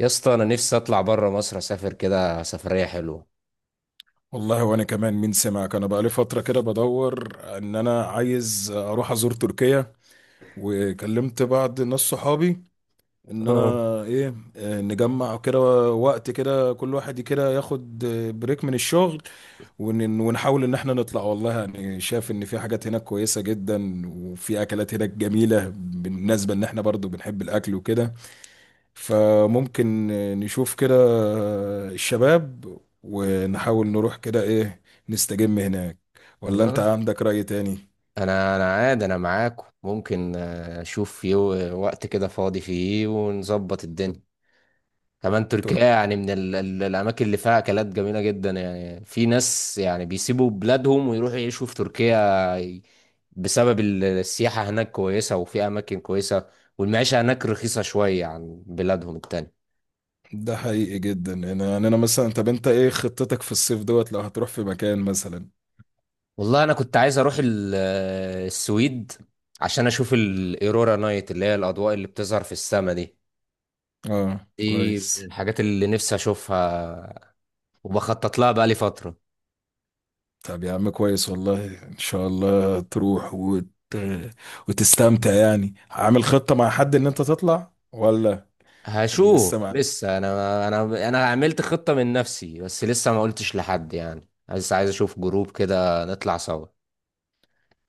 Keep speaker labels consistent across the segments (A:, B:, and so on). A: يا اسطى، انا نفسي اطلع بره مصر، اسافر كده سفريه حلوه.
B: والله وانا كمان، مين سمعك؟ انا بقالي فتره كده بدور ان انا عايز اروح ازور تركيا، وكلمت بعض ناس صحابي ان انا
A: اه.
B: ايه آه، نجمع كده وقت كده، كل واحد كده ياخد بريك من الشغل، ونحاول ان احنا نطلع. والله يعني شايف ان في حاجات هناك كويسه جدا وفي اكلات هناك جميله، بالنسبه ان احنا برضو بنحب الاكل وكده. فممكن نشوف كده الشباب، ونحاول نروح كده ايه، نستجم هناك. ولا انت
A: انا
B: عندك رأي تاني؟
A: انا عادي، انا معاكم ممكن اشوف في وقت كده فاضي فيه ونظبط الدنيا. كمان تركيا
B: ترك
A: يعني من ال الاماكن اللي فيها اكلات جميله جدا. يعني في ناس يعني بيسيبوا بلادهم ويروحوا يعيشوا في تركيا ي- بسبب السياحه هناك كويسه، وفي اماكن كويسه، والمعيشه هناك رخيصه شويه عن بلادهم التانية.
B: ده حقيقي جدا. انا يعني انا مثلا، طب انت ايه خطتك في الصيف دوت؟ لو هتروح في مكان مثلا.
A: والله انا كنت عايز اروح السويد عشان اشوف الايرورا نايت اللي هي الاضواء اللي بتظهر في السما دي.
B: اه
A: دي من
B: كويس.
A: الحاجات اللي نفسي اشوفها وبخطط لها بقالي فترة.
B: طب يا عم كويس، والله ان شاء الله تروح وتستمتع. يعني عامل خطة مع حد ان انت تطلع ولا؟
A: هشوف
B: لسه؟
A: لسه، انا عملت خطة من نفسي بس لسه ما قلتش لحد، يعني عايز اشوف جروب كده نطلع سوا.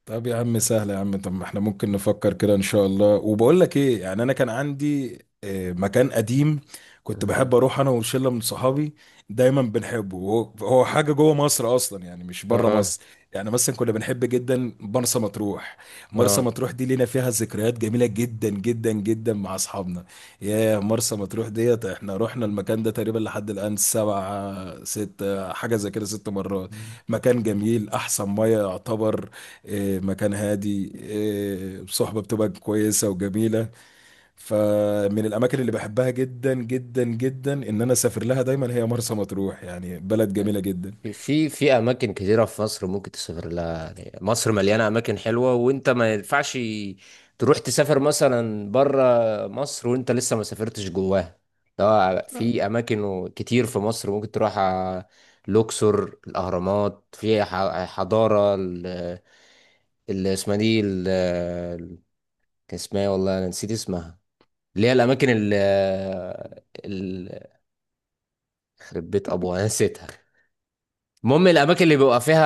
B: طب يا عم سهل يا عم، طب ما احنا ممكن نفكر كده ان شاء الله. وبقول لك ايه، يعني انا كان عندي مكان قديم كنت
A: آه.
B: بحب اروح انا وشله من صحابي، دايما بنحبه. هو هو حاجه جوه مصر اصلا، يعني مش بره
A: اه.
B: مصر. يعني مثلا كنا بنحب جدا مرسى مطروح. مرسى
A: اه.
B: مطروح دي لينا فيها ذكريات جميله جدا جدا جدا مع اصحابنا. يا مرسى مطروح ديت، احنا رحنا المكان ده تقريبا لحد الان سبعة ستة حاجه زي كده 6 مرات. مكان جميل، احسن ميه يعتبر، مكان هادي، صحبة بتبقى كويسة وجميلة. فمن الأماكن اللي بحبها جدا جدا جدا إن أنا أسافر لها دايما هي مرسى مطروح، يعني بلد جميلة جدا.
A: في اماكن كتيره في مصر ممكن تسافر لها، يعني مصر مليانه اماكن حلوه، وانت ما ينفعش تروح تسافر مثلا بره مصر وانت لسه ما سافرتش جواها. ده في اماكن كتير في مصر ممكن تروح الاقصر، الاهرامات، في حضاره اللي اسمها دي كان اسمها إيه، والله انا نسيت اسمها، اللي هي الاماكن اللي خربت ابوها، أنا نسيتها. المهم الاماكن اللي بيبقى فيها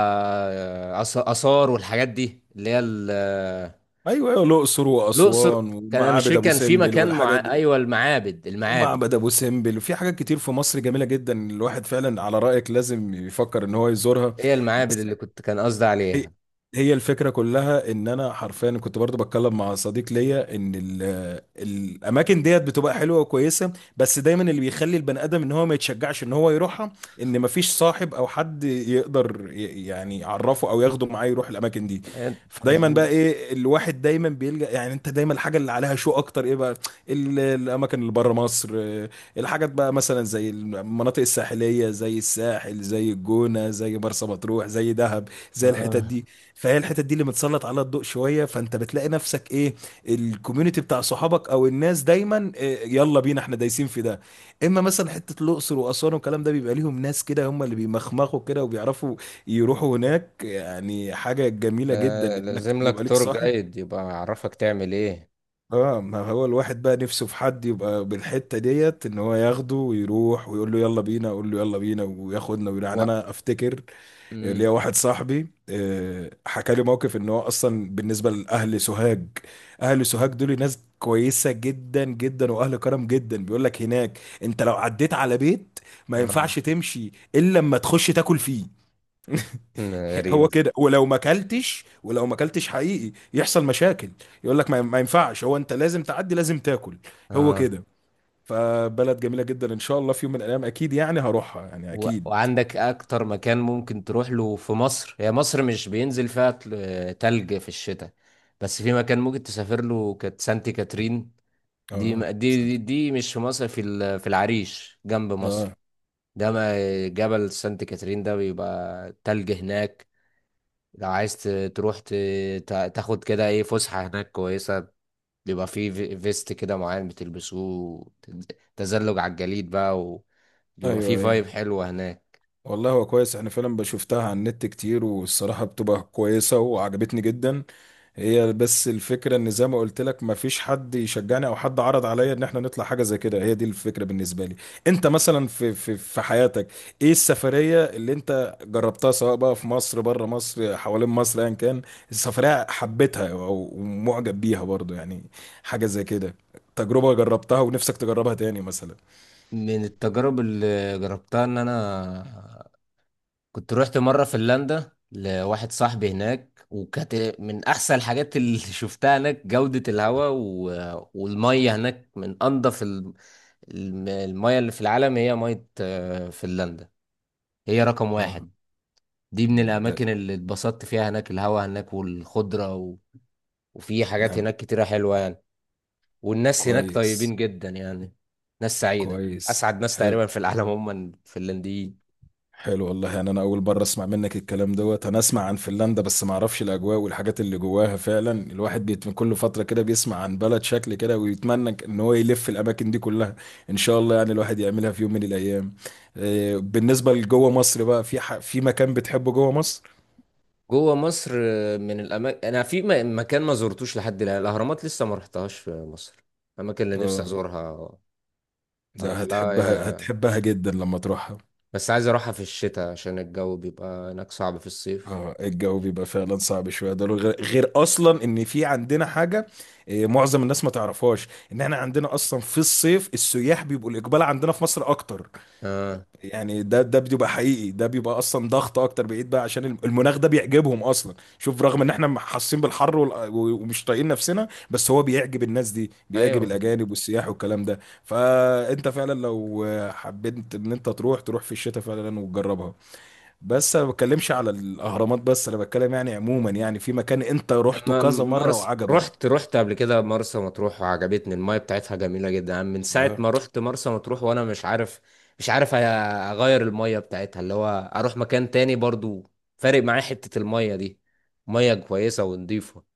A: اثار والحاجات دي اللي هي
B: أيوة أيوة، الأقصر
A: الاقصر.
B: وأسوان
A: كان أنا مش
B: ومعابد
A: فاكر
B: أبو
A: كان في
B: سمبل
A: مكان، مع
B: والحاجات دي.
A: ايوه، المعابد، المعابد.
B: ومعبد أبو سمبل، وفي حاجات كتير في مصر جميلة جدا، الواحد فعلا على رأيك لازم يفكر إن هو يزورها.
A: هي المعابد
B: بس
A: اللي كنت كان قصدي
B: هي
A: عليها.
B: هي الفكرة كلها ان انا حرفيا كنت برضو بتكلم مع صديق ليا ان ال الاماكن ديت بتبقى حلوة وكويسة، بس دايما اللي بيخلي البني ادم ان هو ما يتشجعش ان هو يروحها ان مفيش صاحب او حد يقدر يعني يعرفه او ياخده معاه يروح الاماكن دي.
A: إيه،
B: فدايما بقى
A: عايزين-
B: ايه، الواحد دايما بيلجأ، يعني انت دايما الحاجة اللي عليها شو اكتر ايه بقى الاماكن اللي بره مصر، الحاجات بقى مثلا زي المناطق الساحلية، زي الساحل، زي الجونة، زي مرسى مطروح، زي دهب، زي الحتت
A: اه،
B: دي. فهي الحتت دي اللي متسلط عليها الضوء شويه، فانت بتلاقي نفسك ايه، الكوميونتي بتاع صحابك او الناس دايما إيه، يلا بينا احنا دايسين في ده. اما مثلا حته الاقصر واسوان والكلام ده، بيبقى ليهم ناس كده هم اللي بيمخمخوا كده وبيعرفوا يروحوا هناك، يعني حاجه جميله جدا انك
A: لازم لك
B: يبقى ليك
A: تور
B: صاحب.
A: جايد يبقى يعرفك تعمل ايه.
B: اه، ما هو الواحد بقى نفسه في حد يبقى بالحته ديت ان هو ياخده ويروح ويقول له يلا بينا، اقول له يلا بينا وياخدنا ويروح. يعني
A: و...
B: انا افتكر
A: مم.
B: ليا واحد صاحبي حكى لي موقف ان هو اصلا بالنسبه لاهل سوهاج. اهل سوهاج دول ناس كويسه جدا جدا واهل كرم جدا، بيقول لك هناك انت لو عديت على بيت ما
A: آه.
B: ينفعش تمشي الا لما تخش تاكل فيه. هو
A: غريب.
B: كده، ولو ما اكلتش، ولو ما اكلتش حقيقي يحصل مشاكل، يقول لك ما ينفعش، هو انت لازم تعدي لازم تاكل. هو
A: اه.
B: كده. فبلد جميله جدا، ان شاء الله في يوم من الايام اكيد يعني هروحها يعني اكيد.
A: وعندك اكتر مكان ممكن تروح له في مصر؟ هي مصر مش بينزل فيها تلج في الشتاء، بس في مكان ممكن تسافر له كانت سانتي كاترين. دي م-
B: اه.
A: دي دي
B: سنتك.
A: دي مش في مصر، في في العريش جنب مصر.
B: اه.
A: ده ما جبل سانتي كاترين ده بيبقى تلج هناك. لو عايز تروح تاخد كده ايه فسحة هناك كويسة. بيبقى فيه فيست كده معين بتلبسوه، تز- تزلج على الجليد بقى، وبيبقى
B: ايوه
A: فيه
B: ايوه،
A: فايب حلوة هناك.
B: والله هو كويس، انا فعلا بشوفتها على النت كتير والصراحة بتبقى كويسة وعجبتني جدا. هي بس الفكرة ان زي ما قلت لك مفيش حد يشجعني او حد عرض عليا ان احنا نطلع حاجة زي كده، هي دي الفكرة بالنسبة لي. انت مثلا في حياتك ايه السفرية اللي انت جربتها، سواء بقى في مصر، بره مصر، حوالين مصر، ايا كان. السفرية حبيتها او معجب بيها برضو، يعني حاجة زي كده، تجربة جربتها ونفسك تجربها تاني مثلا.
A: من التجارب اللي جربتها ان انا كنت روحت مره فنلندا لواحد صاحبي هناك، وكانت من احسن الحاجات اللي شفتها هناك. جوده الهواء والميه هناك من انضف الميه اللي في العالم، هي ميه فنلندا، هي رقم
B: اه.
A: واحد. دي من
B: ده.
A: الاماكن اللي اتبسطت فيها. هناك الهواء هناك والخضره وفي حاجات
B: نعم.
A: هناك كتيره حلوه يعني. والناس هناك
B: كويس.
A: طيبين جدا يعني، ناس سعيده،
B: كويس.
A: اسعد ناس
B: حلو.
A: تقريبا في العالم هم الفنلنديين.
B: حلو والله، يعني انا اول مره اسمع منك الكلام دوت، انا اسمع عن فنلندا بس ما اعرفش الاجواء والحاجات اللي جواها. فعلا الواحد بيت من كل فتره كده بيسمع عن بلد شكل كده ويتمنى ان هو يلف الاماكن دي كلها. ان شاء الله يعني الواحد يعملها في يوم من الايام. بالنسبه لجوه مصر بقى، في في مكان بتحبه جوه مصر؟
A: جوه مصر من الاماكن، انا في مكان ما زرتوش لحد الان، الاهرامات لسه ما رحتهاش في مصر، الاماكن اللي نفسي
B: اه
A: ازورها
B: ده،
A: اروح لها
B: هتحبها هتحبها جدا لما تروحها.
A: بس عايز اروحها في الشتاء عشان الجو بيبقى هناك صعب في الصيف.
B: اه الجو بيبقى فعلا صعب شويه، ده غير اصلا ان في عندنا حاجه معظم الناس ما تعرفهاش، ان احنا عندنا اصلا في الصيف السياح بيبقوا الاقبال عندنا في مصر اكتر.
A: اه.
B: يعني ده بيبقى حقيقي، ده بيبقى اصلا ضغط اكتر، بعيد بقى، عشان المناخ ده بيعجبهم اصلا، شوف رغم ان احنا حاسين بالحر ومش طايقين نفسنا، بس هو بيعجب الناس دي، بيعجب
A: ايوه.
B: الاجانب والسياح والكلام ده. فانت فعلا لو حبيت ان انت تروح، تروح في الشتاء فعلا وتجربها. بس انا ما بتكلمش على الاهرامات، بس انا بتكلم يعني عموما، يعني في مكان انت رحته
A: اما
B: كذا مره
A: مرسى،
B: وعجبك؟
A: رحت قبل كده مرسى مطروح وعجبتني المايه بتاعتها جميله جدا. من ساعه
B: اه
A: ما رحت مرسى مطروح وانا مش عارف، مش عارف اغير المايه بتاعتها، اللي هو اروح مكان تاني برضو، فارق معايا حته المايه دي، ميه كويسه ونضيفه.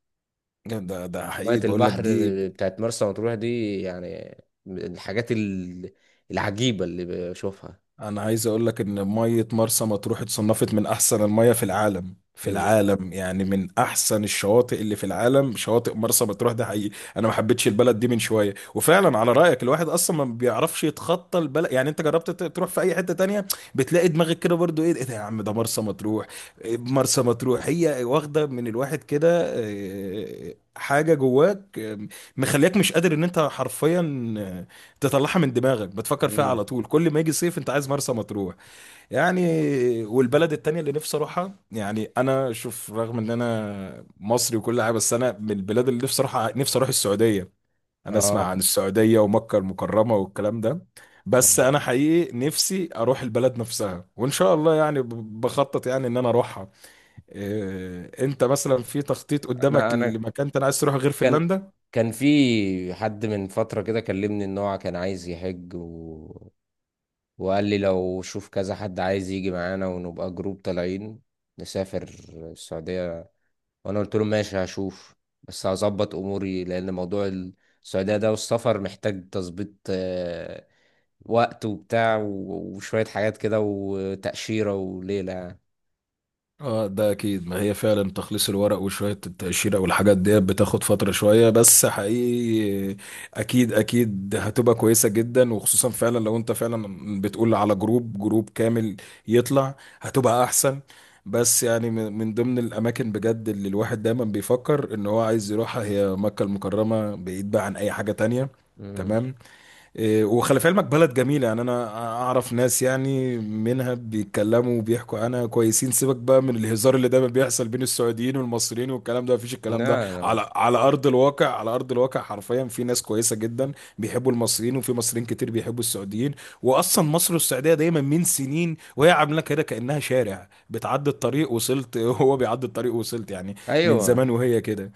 B: ده. ده
A: مية
B: حقيقي بقول لك،
A: البحر
B: دي
A: بتاعت مرسى مطروح دي يعني من الحاجات العجيبة اللي بشوفها.
B: انا عايز اقول لك ان ميه مرسى مطروح اتصنفت من احسن الميه في العالم. في
A: مم.
B: العالم، يعني من احسن الشواطئ اللي في العالم شواطئ مرسى مطروح. ده حقيقي انا ما حبيتش البلد دي من شويه، وفعلا على رايك الواحد اصلا ما بيعرفش يتخطى البلد. يعني انت جربت تروح في اي حته تانية، بتلاقي دماغك كده برضو ايه؟ إيه ده يا عم؟ ده مرسى مطروح. إيه مرسى مطروح؟ هي واخده من الواحد كده حاجه جواك مخلياك مش قادر ان انت حرفيا تطلعها من دماغك، بتفكر فيها
A: مم.
B: على طول كل ما يجي صيف انت عايز مرسى مطروح يعني. والبلد التانية اللي نفسي اروحها، يعني انا شوف رغم ان انا مصري وكل حاجة، بس انا من البلاد اللي نفسي اروحها، نفسي اروح السعودية. انا اسمع
A: اه.
B: عن السعودية ومكة المكرمة والكلام ده، بس
A: آه.
B: انا حقيقي نفسي اروح البلد نفسها، وان شاء الله يعني بخطط يعني ان انا اروحها. انت مثلا في تخطيط
A: انا
B: قدامك
A: انا
B: لمكان انت عايز تروح غير
A: كان
B: فنلندا؟
A: كان في حد من فترة كده كلمني ان هو كان عايز يحج وقال لي لو شوف كذا حد عايز يجي معانا ونبقى جروب طالعين، نسافر السعودية. وانا قلت له ماشي هشوف، بس هظبط اموري لان موضوع السعودية ده والسفر محتاج تظبيط وقت وبتاع وشوية حاجات كده وتأشيرة وليلة يعني.
B: اه ده اكيد، ما هي فعلا تخليص الورق وشوية التقشيرة والحاجات ديت بتاخد فترة شوية، بس حقيقي اكيد اكيد هتبقى كويسة جدا، وخصوصا فعلا لو انت فعلا بتقول على جروب كامل يطلع هتبقى احسن. بس يعني من ضمن الاماكن بجد اللي الواحد دايما بيفكر ان هو عايز يروحها هي مكة المكرمة، بعيد بقى عن اي حاجة تانية.
A: مم.
B: تمام. وخلي في علمك بلد جميلة، يعني أنا أعرف ناس يعني منها بيتكلموا وبيحكوا عنها كويسين. سيبك بقى من الهزار اللي دايما بيحصل بين السعوديين والمصريين والكلام ده، مفيش الكلام ده
A: لا. لا.
B: على أرض الواقع، على أرض الواقع حرفيا في ناس كويسة جدا، بيحبوا المصريين وفي مصريين كتير بيحبوا السعوديين. وأصلا مصر والسعودية دايما من سنين وهي عاملة كده، كأنها شارع بتعدي الطريق وصلت هو بيعدي الطريق وصلت يعني، من
A: أيوة.
B: زمان وهي كده.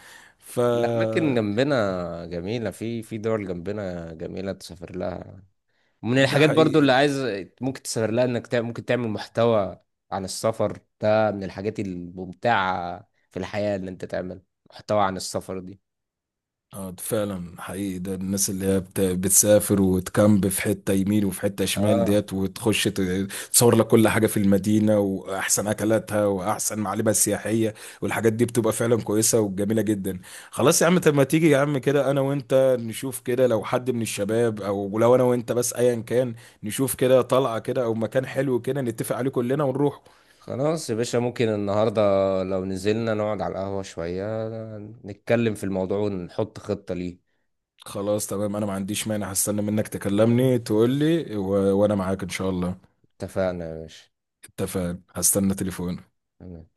B: ف.
A: الأماكن جنبنا جميلة، في دول جنبنا جميلة تسافر لها. من
B: ده
A: الحاجات برضو
B: حقيقي.
A: اللي عايز ممكن تسافر لها، إنك ممكن تعمل محتوى عن السفر، ده من الحاجات الممتعة في الحياة إن أنت تعمل محتوى عن السفر دي.
B: اه ده فعلا حقيقي ده، الناس اللي هي بتسافر وتكامب في حتة يمين وفي حتة شمال
A: آه
B: ديت وتخش تصور لك كل حاجة في المدينة وأحسن أكلاتها وأحسن معالمها السياحية، والحاجات دي بتبقى فعلا كويسة وجميلة جدا. خلاص يا عم، طب ما تيجي يا عم كده أنا وأنت نشوف كده، لو حد من الشباب أو لو أنا وأنت بس أيا كان، نشوف كده طلعة كده أو مكان حلو كده نتفق عليه كلنا ونروح.
A: خلاص يا باشا، ممكن النهاردة لو نزلنا نقعد على القهوة شوية نتكلم في الموضوع ونحط خطة ليه.
B: خلاص تمام، أنا ما عنديش مانع، هستنى منك تكلمني تقول لي وأنا معاك إن شاء الله.
A: اتفقنا يا باشا.
B: اتفقنا، هستنى تليفون.
A: تمام.